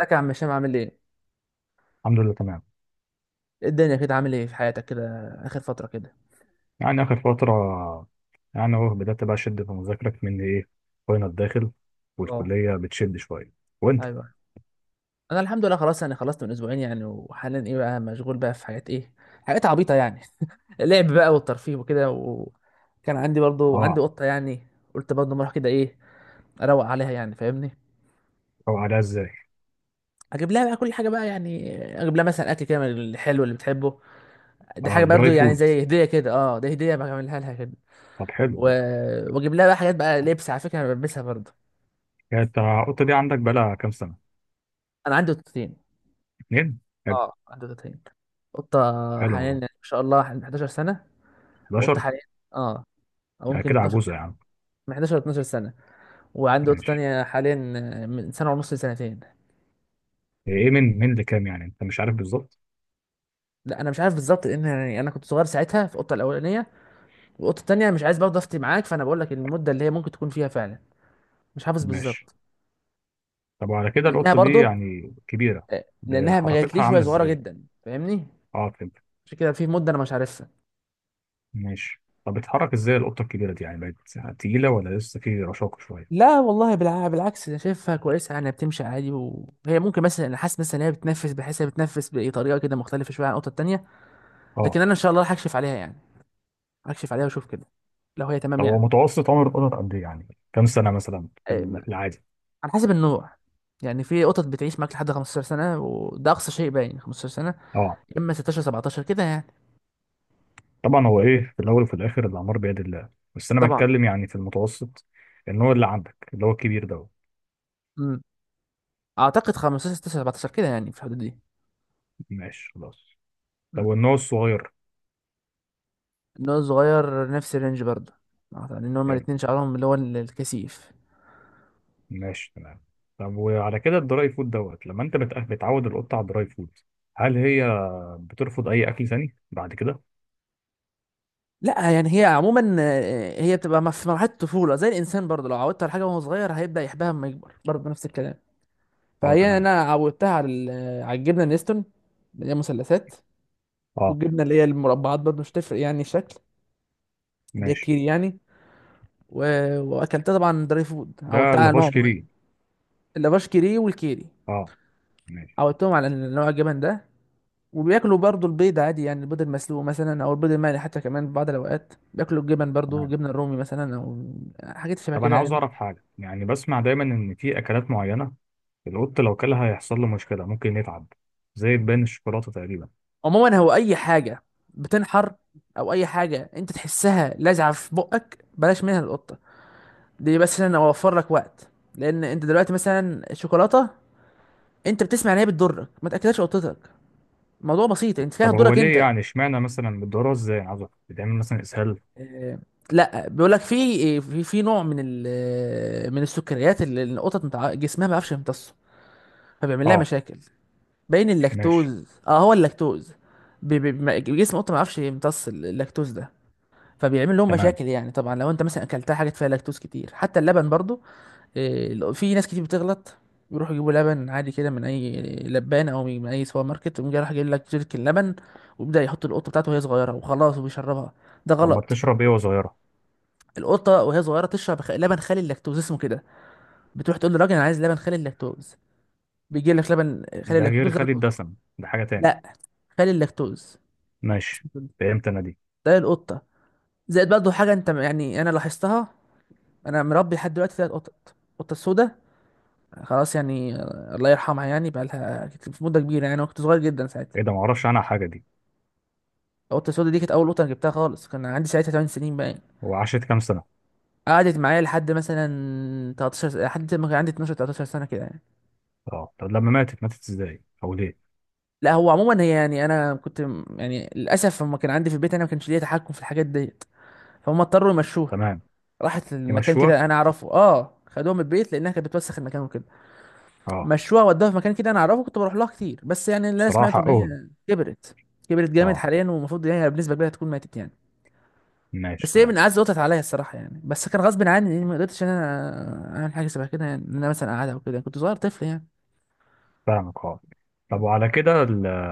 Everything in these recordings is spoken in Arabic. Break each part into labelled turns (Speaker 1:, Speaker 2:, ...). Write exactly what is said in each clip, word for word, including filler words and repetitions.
Speaker 1: ازيك يا عم هشام؟ عامل ايه؟
Speaker 2: الحمد لله تمام.
Speaker 1: إيه الدنيا كده؟ عامل ايه في حياتك كده اخر فترة كده؟
Speaker 2: يعني آخر فترة، يعني هو بدأت بقى أشد في مذاكرك من إيه، فاينل داخل
Speaker 1: اه،
Speaker 2: والكلية بتشد شوية. وأنت؟
Speaker 1: ايوه، انا الحمد لله خلاص، يعني خلصت من اسبوعين يعني، وحاليا ايه بقى؟ مشغول بقى في حاجات ايه؟ حاجات عبيطة يعني. اللعب بقى والترفيه وكده، وكان عندي برضو، عندي
Speaker 2: أه.
Speaker 1: قطة يعني، قلت برضو ما اروح كده، ايه، اروق عليها يعني، فاهمني؟
Speaker 2: أو عليها إزاي؟
Speaker 1: اجيب لها بقى كل حاجة بقى يعني، اجيب لها مثلا اكل كده من الحلو اللي بتحبه، دي
Speaker 2: أه،
Speaker 1: حاجة برضو
Speaker 2: دراي
Speaker 1: يعني
Speaker 2: فود.
Speaker 1: زي هدية كده، اه دي هدية بعملها لها كده،
Speaker 2: طب حلو.
Speaker 1: و... واجيب لها بقى حاجات بقى لبس، على فكرة انا بلبسها برضو.
Speaker 2: يعني أنت القطة دي عندك بقالها كام سنة؟
Speaker 1: انا عندي قطتين.
Speaker 2: اتنين؟ حلو.
Speaker 1: اه، عنده تلاتين قطة
Speaker 2: حلو
Speaker 1: حاليا، يعني
Speaker 2: والله.
Speaker 1: ما شاء الله، حالياً حداشر سنة، وقطة
Speaker 2: إحدى عشرة.
Speaker 1: حاليا، اه، أو
Speaker 2: يعني
Speaker 1: ممكن
Speaker 2: كده
Speaker 1: اتناشر
Speaker 2: عجوزة يا
Speaker 1: كمان،
Speaker 2: عم.
Speaker 1: من حداشر ل اتناشر سنة، وعندي قطة
Speaker 2: ماشي.
Speaker 1: تانية حاليا من سنة ونص لسنتين.
Speaker 2: إيه، من من لكام، يعني أنت مش عارف بالظبط؟
Speaker 1: لا، أنا مش عارف بالظبط، لأن يعني أنا كنت صغير ساعتها في القطة الأولانية، والقطة التانية مش عايز برضه أفتي معاك، فأنا بقول لك المدة اللي هي ممكن تكون فيها فعلا، مش حافظ
Speaker 2: ماشي.
Speaker 1: بالظبط.
Speaker 2: طب وعلى كده
Speaker 1: لأنها
Speaker 2: القطة دي
Speaker 1: برضه
Speaker 2: يعني كبيرة؟
Speaker 1: آه،
Speaker 2: ده
Speaker 1: لأنها ما
Speaker 2: حركتها
Speaker 1: جاتليش وهي
Speaker 2: عاملة
Speaker 1: صغيرة
Speaker 2: إزاي؟
Speaker 1: جدا، فاهمني؟
Speaker 2: أه، فهمت.
Speaker 1: عشان كده في مدة أنا مش عارفها.
Speaker 2: ماشي. طب بتتحرك ازاي القطه الكبيره دي؟ يعني بقت تقيله ولا لسه في رشاقه شويه؟
Speaker 1: لا والله، بالع- بالعكس، انا شايفها كويسه يعني، بتمشي عادي، وهي ممكن مثلا، انا حاسس مثلا ان هي بتنفس، بحيث هي بتنفس بطريقه كده مختلفه شويه عن القطه التانيه، لكن
Speaker 2: اه.
Speaker 1: انا ان شاء الله هكشف عليها يعني، هكشف عليها واشوف كده لو هي تمام
Speaker 2: طب هو
Speaker 1: يعني.
Speaker 2: متوسط عمر القطط قد ايه يعني؟ كام سنه مثلا في
Speaker 1: إيه، ما-
Speaker 2: ال- في العادي؟
Speaker 1: على حسب النوع. يعني في قطط بتعيش معاك لحد خمسة عشر سنه، وده اقصى شيء باين، خمستاشر سنه،
Speaker 2: اه،
Speaker 1: يا اما ستاشر، سبعتاشر كده يعني.
Speaker 2: طبعا هو ايه في الاول وفي الاخر الاعمار بيد الله، بس انا
Speaker 1: طبعا.
Speaker 2: بتكلم يعني في المتوسط. النوع اللي عندك اللي هو الكبير ده.
Speaker 1: امم اعتقد خمستاشر، ستاشر، سبعتاشر كده يعني، في الحدود دي.
Speaker 2: ماشي خلاص. طب
Speaker 1: امم
Speaker 2: والنوع الصغير؟
Speaker 1: النوع الصغير نفس الرينج برضه، يعني ان هما
Speaker 2: حلو.
Speaker 1: الاتنين شعرهم اللي هو الكثيف.
Speaker 2: ماشي تمام. طب وعلى كده الدراي فود دوت، لما انت بتأ- بتعود القطه على الدراي فود، هل هي بترفض اي اكل ثاني بعد كده؟
Speaker 1: لا يعني هي عموما، آه، هي بتبقى مف- في مرحله الطفوله زي الانسان برضه، لو عودت على حاجه وهو صغير هيبدا يحبها لما يكبر، برضه نفس الكلام.
Speaker 2: اه،
Speaker 1: فهي
Speaker 2: تمام.
Speaker 1: انا عودتها على ال- آه، على الجبنه النستون، اللي هي مثلثات،
Speaker 2: اه.
Speaker 1: والجبنه اللي هي المربعات، برضه مش تفرق يعني الشكل، اللي هي
Speaker 2: ماشي.
Speaker 1: الكيري يعني. و... واكلتها طبعا دراي فود،
Speaker 2: ده
Speaker 1: عودتها على
Speaker 2: اللافاش
Speaker 1: نوع
Speaker 2: كيري.
Speaker 1: معين. اللافاش كيري والكيري،
Speaker 2: اه. ماشي
Speaker 1: عودتهم على إن نوع الجبن ده. وبياكلوا برضه البيض عادي، يعني البيض المسلوق مثلا، او البيض المقلي حتى، كمان في بعض الاوقات بياكلوا الجبن برضه،
Speaker 2: تمام.
Speaker 1: جبنه الرومي مثلا، او حاجات شبه
Speaker 2: طب
Speaker 1: كده
Speaker 2: انا عاوز
Speaker 1: يعني.
Speaker 2: اعرف حاجه، يعني بسمع دايما ان في اكلات معينه القط لو كلها هيحصل له مشكله، ممكن يتعب، زي تبان الشوكولاته تقريبا.
Speaker 1: عموما هو اي حاجه بتنحر، او اي حاجه انت تحسها لازعه في بقك، بلاش منها القطه، دي بس عشان اوفر لك وقت. لان انت دلوقتي مثلا الشوكولاته، انت بتسمع ان هي بتضرك، ما تاكلهاش قطتك. الموضوع بسيط، انت فيها
Speaker 2: طب هو
Speaker 1: تضرك
Speaker 2: ليه؟
Speaker 1: انت.
Speaker 2: يعني اشمعنى مثلا بتدورها ازاي؟ أنا عاوز اعرف، بتعمل مثلا اسهال؟
Speaker 1: آه، لا بيقول لك في في في نوع من ال من السكريات، اللي القطط متع... جسمها ما بيعرفش يمتصه، فبيعمل لها
Speaker 2: اه.
Speaker 1: مشاكل. بين
Speaker 2: ماشي
Speaker 1: اللاكتوز، اه هو اللاكتوز. بي- بي- ما- جسم القطه ما بيعرفش يمتص اللاكتوز ده، فبيعمل لهم
Speaker 2: تمام.
Speaker 1: مشاكل يعني، طبعا لو انت مثلا اكلتها حاجه فيها لاكتوز كتير، حتى اللبن برضو. إيه، لو- في ناس كتير بتغلط، بيروحوا يجيبوا لبن عادي كده من اي لبان، او من اي سوبر ماركت، ويقوم جاي راح جايب لك جيركن لبن، ويبدا يحط القطه بتاعته وهي صغيره وخلاص وبيشربها، ده
Speaker 2: طب ما
Speaker 1: غلط.
Speaker 2: بتشرب ايه وهي صغيره؟
Speaker 1: القطه وهي صغيره تشرب خ- لبن خالي اللاكتوز، اسمه كده. بتروح تقول للراجل، انا عايز لبن خالي اللاكتوز، بيجيب لك لبن خالي
Speaker 2: ده غير
Speaker 1: اللاكتوز ده
Speaker 2: خالي
Speaker 1: للقطة.
Speaker 2: الدسم؟ ده حاجه تاني.
Speaker 1: لا، خالي اللاكتوز،
Speaker 2: ماشي.
Speaker 1: اسمه كده.
Speaker 2: فهمت انا دي.
Speaker 1: ده القطه، زائد برضه حاجه انت، يعني انا لاحظتها. انا مربي لحد دلوقتي ثلاث قطط. القطه السوداء خلاص يعني، آه، الله يرحمها، يعني بقى لها في مده كبيره يعني، أنا كنت صغير جدا ساعتها.
Speaker 2: ايه ده؟ ما اعرفش عنها حاجه دي.
Speaker 1: القطه السودا دي كانت اول قطه أنا جبتها خالص، كان عندي ساعتها ثماني سنين بقى يعني.
Speaker 2: هو عاشت كام سنه؟
Speaker 1: قعدت معايا لحد مثلا تلتاشر س- لحد ما كان عندي اتناشر، ثلاثة عشر سنه كده يعني.
Speaker 2: اه. طب لما ماتت، ماتت ازاي او ليه؟
Speaker 1: لا هو عموما هي، يعني انا كنت م- يعني للاسف لما كان عندي في البيت انا، ما كانش ليا تحكم في الحاجات ديت، فهم اضطروا يمشوها.
Speaker 2: تمام.
Speaker 1: راحت لمكان
Speaker 2: يمشوها.
Speaker 1: كده انا اعرفه، اه، خدوها من البيت لانها كانت بتوسخ المكان وكده.
Speaker 2: اه.
Speaker 1: مشوها ودوها في مكان كده انا اعرفه، كنت بروح لها كتير، بس يعني اللي انا
Speaker 2: بصراحه
Speaker 1: سمعته ان
Speaker 2: حقهم.
Speaker 1: هي كبرت، كبرت جامد
Speaker 2: اه،
Speaker 1: حاليا، والمفروض ان هي بنسبه كبيره تكون ماتت يعني.
Speaker 2: ماشي
Speaker 1: بس هي من
Speaker 2: تمام.
Speaker 1: اعز وطت عليا الصراحه يعني، بس كان غصب عني يعني، ما قدرتش ان انا اعمل حاجه شبه كده يعني، ان انا مثلا اقعدها او كده، كنت صغير طفل يعني.
Speaker 2: فاهمك، اه. طب وعلى كده ال-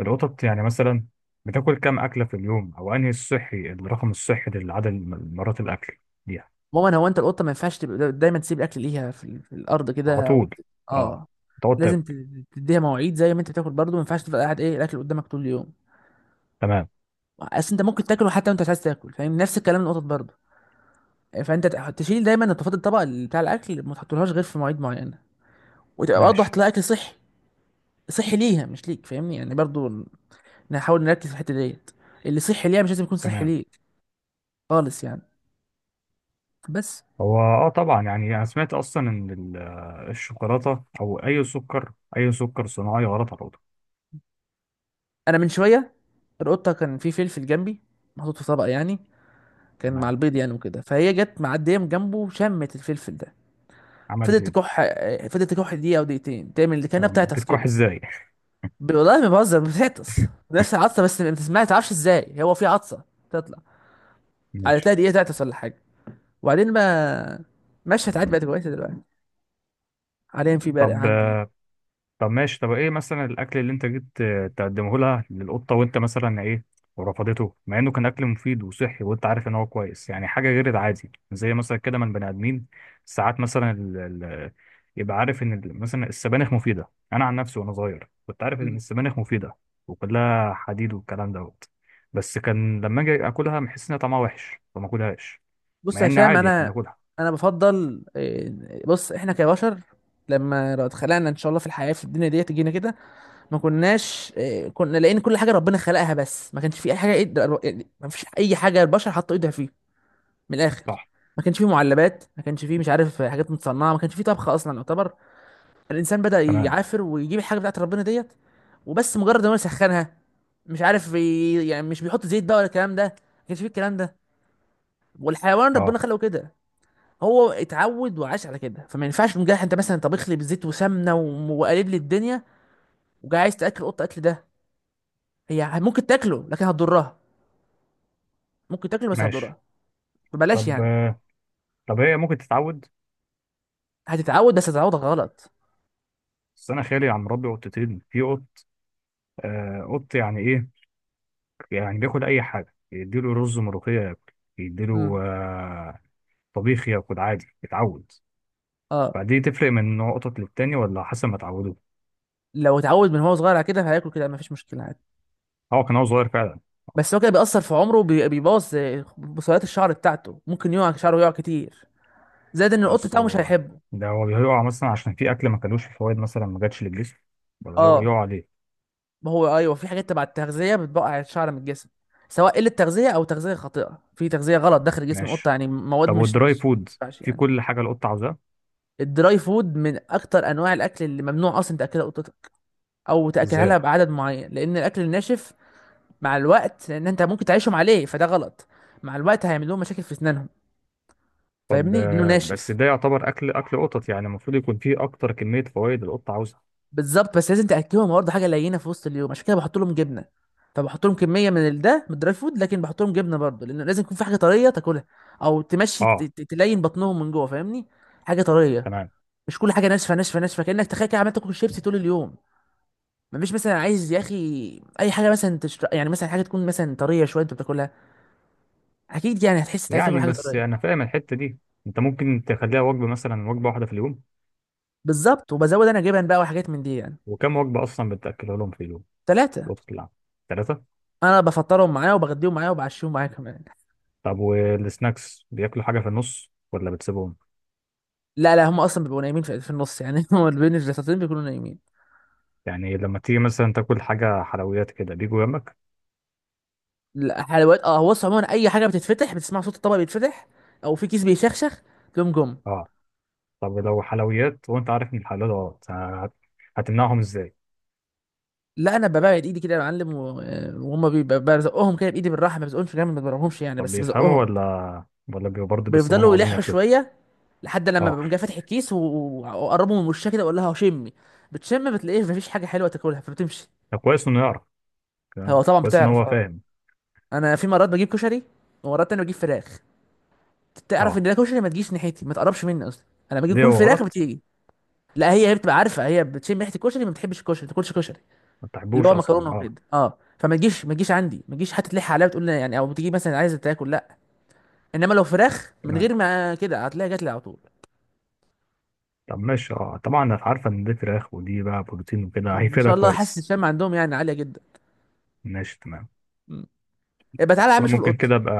Speaker 2: القطط يعني مثلا بتاكل كام أكلة في اليوم؟ أو أنهي الصحي، الرقم الصحي للعدد الم- مرات الأكل ليها؟
Speaker 1: عموما هو انت القطه ما ينفعش تبقى دا- دايما تسيب الاكل ليها في, ال- في الارض كده،
Speaker 2: على
Speaker 1: أو
Speaker 2: طول؟
Speaker 1: ت-
Speaker 2: اه.
Speaker 1: اه
Speaker 2: تقعد
Speaker 1: لازم ت-
Speaker 2: تاكل.
Speaker 1: تديها مواعيد، زي ما انت بتاكل برضه، ما ينفعش تفضل قاعد ايه الاكل قدامك طول اليوم.
Speaker 2: تمام.
Speaker 1: اصل انت ممكن تاكله حتى وانت مش عايز تاكل، فاهم، نفس الكلام القطط برضه. فانت ت- تشيل دايما نظافات الطبق اللي بتاع الاكل، ما تحطولهاش غير في مواعيد معينه، وتبقى برضه
Speaker 2: ماشي
Speaker 1: هتلاقي اكل صحي، صحي ليها مش ليك، فاهمني يعني برضه. نحاول نركز في الحته ديت، اللي صحي ليها مش لازم يكون صحي
Speaker 2: تمام.
Speaker 1: ليك خالص يعني. بس
Speaker 2: هو اه طبعا، يعني أنا سمعت أصلا إن ال- الشوكولاتة أو أي سكر أي سكر صناعي غلط على القطط.
Speaker 1: انا من شويه القطه، كان في فلفل جنبي، محطوط في طبق يعني، كان مع
Speaker 2: تمام.
Speaker 1: البيض يعني وكده، فهي جت معديه من جنبه، شمت الفلفل ده،
Speaker 2: عملت
Speaker 1: فضلت
Speaker 2: إيه؟
Speaker 1: تكح، آه، فضلت تكح دقيقه او دقيقتين، تعمل اللي كانها
Speaker 2: طب
Speaker 1: بتعطس
Speaker 2: بتكح
Speaker 1: كده.
Speaker 2: إزاي؟
Speaker 1: ب- والله ما بهزر، بتعطس نفس العطسه بس ما بتسمعش، ما تعرفش ازاي هو في عطسه تطلع.
Speaker 2: ماشي.
Speaker 1: هتلاقي دقيقة تعطس ولا حاجة، وبعدين بقى مشهد عادي، بقت كويسة دلوقتي، حاليا في برق
Speaker 2: طب
Speaker 1: عندي.
Speaker 2: طب ماشي. طب ايه مثلا الاكل اللي انت جيت آه، تقدمه لها للقطه، وانت مثلا ايه ورفضته، مع انه كان اكل مفيد وصحي وانت عارف ان هو كويس، يعني حاجه غير العادي زي مثلا كده من بني ادمين. ساعات مثلا ال... ال... يبقى عارف ان ال- مثلا السبانخ مفيده. انا عن نفسي وانا صغير كنت عارف ان
Speaker 1: مم.
Speaker 2: السبانخ مفيده وكلها حديد والكلام دوت. بس كان لما اجي اكلها بحس ان طعمها وحش فما اكلهاش،
Speaker 1: بص
Speaker 2: مع
Speaker 1: يا
Speaker 2: ان
Speaker 1: هشام
Speaker 2: عادي احنا
Speaker 1: أنا،
Speaker 2: بناكلها.
Speaker 1: أنا بفضل إيه، بص، إحنا كبشر، لما لو اتخلقنا إن شاء الله في الحياة في الدنيا دي تجينا كده، ما كناش إيه، كنا لقينا كل حاجة ربنا خلقها، بس ما كانش في أي حاجة إيد- يعني ما فيش أي حاجة البشر حطوا إيدها فيه، من الآخر.
Speaker 2: صح.
Speaker 1: ما كانش فيه معلبات، ما كانش فيه مش عارف حاجات متصنعة، ما كانش فيه طبخ أصلا يعتبر. الانسان بدأ
Speaker 2: تمام.
Speaker 1: يعافر ويجيب الحاجه بتاعت ربنا ديت، وبس مجرد ما هو يسخنها، مش عارف ي- يعني مش بيحط زيت بقى ولا الكلام ده، ما كانش فيه الكلام ده. والحيوان ربنا
Speaker 2: اه،
Speaker 1: خلقه كده، هو اتعود وعاش على كده، فما ينفعش مجرد انت مثلا طبخ لي بزيت وسمنه وم- وقالب لي الدنيا، وجاي عايز تاكل قطه اكل ده، هي ممكن تاكله لكن هتضرها، ممكن تاكله بس
Speaker 2: ماشي.
Speaker 1: هتضرها، فبلاش
Speaker 2: طب
Speaker 1: يعني.
Speaker 2: آه، طب هي ممكن تتعود؟
Speaker 1: هتتعود بس هتتعود غلط.
Speaker 2: بس انا خالي عم مربي قطتين في قط. آه، قط يعني ايه؟ يعني بياكل اي حاجه، يديله رز ملوخيه ياكل،
Speaker 1: امم
Speaker 2: يديله آه طبيخ ياكل عادي، يتعود.
Speaker 1: اه
Speaker 2: فدي تفرق من نوع قطط للتاني، ولا حسب ما اتعودوا؟
Speaker 1: لو اتعود من هو صغير على كده هياكل كده، مفيش مشكله عادي.
Speaker 2: هو كان هو صغير فعلا.
Speaker 1: بس هو كده بيأثر في عمره، وبي- بيبوظ آه، بصيلات الشعر بتاعته، ممكن يقع شعره، يقع كتير. زائد ان القط
Speaker 2: بس
Speaker 1: بتاعه مش
Speaker 2: هو،
Speaker 1: هيحبه.
Speaker 2: ده هو بيقع مثلا عشان في اكل ما كلوش في فوائد، مثلا ما جاتش للجسم، ولا يقع
Speaker 1: اه
Speaker 2: يقع عليه؟
Speaker 1: ما هو ايوه، في حاجات تبع التغذيه بتبقع الشعر من الجسم، سواء قله تغذيه او تغذيه خاطئه، في تغذيه غلط داخل جسم القطه
Speaker 2: ماشي.
Speaker 1: يعني، مواد
Speaker 2: طب
Speaker 1: مش
Speaker 2: والدراي
Speaker 1: مش
Speaker 2: فود
Speaker 1: ما ينفعش
Speaker 2: في
Speaker 1: يعني.
Speaker 2: كل حاجه القط عاوزاها؟
Speaker 1: الدراي فود من اكتر انواع الاكل اللي ممنوع اصلا تاكلها قطتك، او تاكلها لها
Speaker 2: ازاي؟
Speaker 1: بعدد معين، لان الاكل الناشف مع الوقت، لان انت ممكن تعيشهم عليه فده غلط، مع الوقت هيعمل لهم مشاكل في اسنانهم،
Speaker 2: طب
Speaker 1: فاهمني، لانه
Speaker 2: آه، بس
Speaker 1: ناشف.
Speaker 2: ده يعتبر اكل اكل قطط، يعني المفروض يكون فيه اكتر كميه فوائد القط عاوزها.
Speaker 1: بالظبط، بس لازم تاكلهم برضه حاجه لينه في وسط اليوم، عشان كده بحط لهم جبنه. فبحط لهم كميه من ال- ده من الدراي فود، لكن بحط لهم جبنه برضه، لان لازم يكون في حاجه طريه تاكلها، او تمشي ت-
Speaker 2: اه،
Speaker 1: ت- تلين بطنهم من جوه، فاهمني، حاجه طريه.
Speaker 2: تمام.
Speaker 1: مش كل حاجه ناشفه ناشفه ناشفه، كانك تخيل كده عمال تاكل شيبسي طول اليوم. مفيش مثلا، عايز يا اخي اي حاجه مثلا تشتر... يعني مثلا حاجه تكون مثلا طريه شويه انت بتاكلها، اكيد يعني هتحس إنت عايز تاكل
Speaker 2: يعني
Speaker 1: حاجه
Speaker 2: بس انا
Speaker 1: طريه.
Speaker 2: فاهم الحته دي. انت ممكن تخليها وجبه، مثلا وجبه واحده في اليوم؟
Speaker 1: بالظبط، وبزود انا جبن بقى وحاجات من دي يعني.
Speaker 2: وكم وجبه اصلا بتاكلها لهم في اليوم في
Speaker 1: ثلاثه،
Speaker 2: الوقت العام؟ ثلاثه؟
Speaker 1: انا بفطرهم معايا وبغديهم معايا وبعشيهم معايا كمان.
Speaker 2: طب والسناكس بياكلوا حاجه في النص ولا بتسيبهم؟
Speaker 1: لا لا، هم اصلا بيبقوا نايمين في في النص يعني، هم بين الجلساتين بيكونوا نايمين.
Speaker 2: يعني لما تيجي مثلا تاكل حاجه حلويات كده بيجوا جنبك؟
Speaker 1: لا، حلويات، اه هو بص عموما اي حاجه بتتفتح، بتسمع صوت الطبق بيتفتح، او في كيس بيشخشخ، تقوم جم.
Speaker 2: اه. طب لو حلويات وانت عارف ان الحلويات غلط، هت- هتمنعهم ازاي؟
Speaker 1: لا انا ببعد ايدي كده يا معلم و- آه، وهم بيبقى- بزقهم كده بايدي بالراحه، ما بزقهمش جامد، ما بضربهمش يعني،
Speaker 2: طب
Speaker 1: بس
Speaker 2: بيفهموا
Speaker 1: بزقهم.
Speaker 2: ولا ولا بيبقوا برضه بيصمموا
Speaker 1: بيفضلوا
Speaker 2: عاوزين
Speaker 1: يلحوا
Speaker 2: ياكلوه؟
Speaker 1: شويه، لحد لما
Speaker 2: اه.
Speaker 1: بقوم جاي فاتح الكيس و- واقربه من وشها كده، واقول لها شمي، بتشم بتلاقيه مفيش حاجه حلوه تاكلها فبتمشي.
Speaker 2: ده كويس انه يعرف.
Speaker 1: هو
Speaker 2: تمام.
Speaker 1: طبعا
Speaker 2: كويس ان
Speaker 1: بتعرف،
Speaker 2: هو
Speaker 1: اه.
Speaker 2: فاهم.
Speaker 1: انا في مرات بجيب كشري، ومرات تانية بجيب فراخ، تعرف
Speaker 2: اه.
Speaker 1: ان الكشري ما تجيش ناحيتي، ما تقربش مني اصلا، انا باجي
Speaker 2: ليه،
Speaker 1: اكون
Speaker 2: هو
Speaker 1: في الاخر
Speaker 2: غلط؟
Speaker 1: بتيجي. لا هي، هي بتبقى عارفه، هي بتشم ريحه الكشري، ما بتحبش الكشري، ما تاكلش كشري،
Speaker 2: ما
Speaker 1: اللي
Speaker 2: تحبوش
Speaker 1: هو مكرونه
Speaker 2: اصلا، اه.
Speaker 1: وكده، اه فما تجيش، ما تجيش عندي، ما تجيش حتى تلح عليا وتقول لي يعني، او بتيجي مثلا عايزه تاكل، لا. انما لو فراخ من
Speaker 2: تمام.
Speaker 1: غير ما كده، هتلاقيها جات لي على طول.
Speaker 2: طب ماشي. اه، طبعا انا عارفه ان دي فراخ، ودي بقى بروتين وكده
Speaker 1: ان
Speaker 2: هيفيدها
Speaker 1: شاء الله، حاسس
Speaker 2: كويس.
Speaker 1: الشم عندهم يعني عاليه جدا.
Speaker 2: ماشي تمام.
Speaker 1: مم. يبقى تعالى يا
Speaker 2: بس
Speaker 1: عم
Speaker 2: انا
Speaker 1: شوف
Speaker 2: ممكن
Speaker 1: القط،
Speaker 2: كده ابقى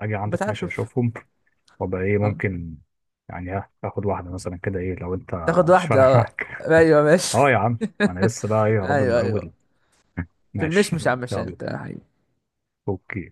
Speaker 2: اجي
Speaker 1: يبقى
Speaker 2: عندك،
Speaker 1: تعالى
Speaker 2: ماشي
Speaker 1: شوف.
Speaker 2: اشوفهم. وابقى ايه
Speaker 1: اه،
Speaker 2: ممكن يعني، ها اخد واحده مثلا كده، ايه لو انت
Speaker 1: تاخد
Speaker 2: مش
Speaker 1: واحده
Speaker 2: فارقه
Speaker 1: آه.
Speaker 2: معاك؟
Speaker 1: ايوه ماشي.
Speaker 2: اه يا عم. انا لسه بقى ايه، يا رب، من
Speaker 1: ايوه ايوه.
Speaker 2: الاول.
Speaker 1: في
Speaker 2: ماشي.
Speaker 1: المشمش يا عم هشام،
Speaker 2: يلا.
Speaker 1: تعالى يا حبيبي.
Speaker 2: اوكي.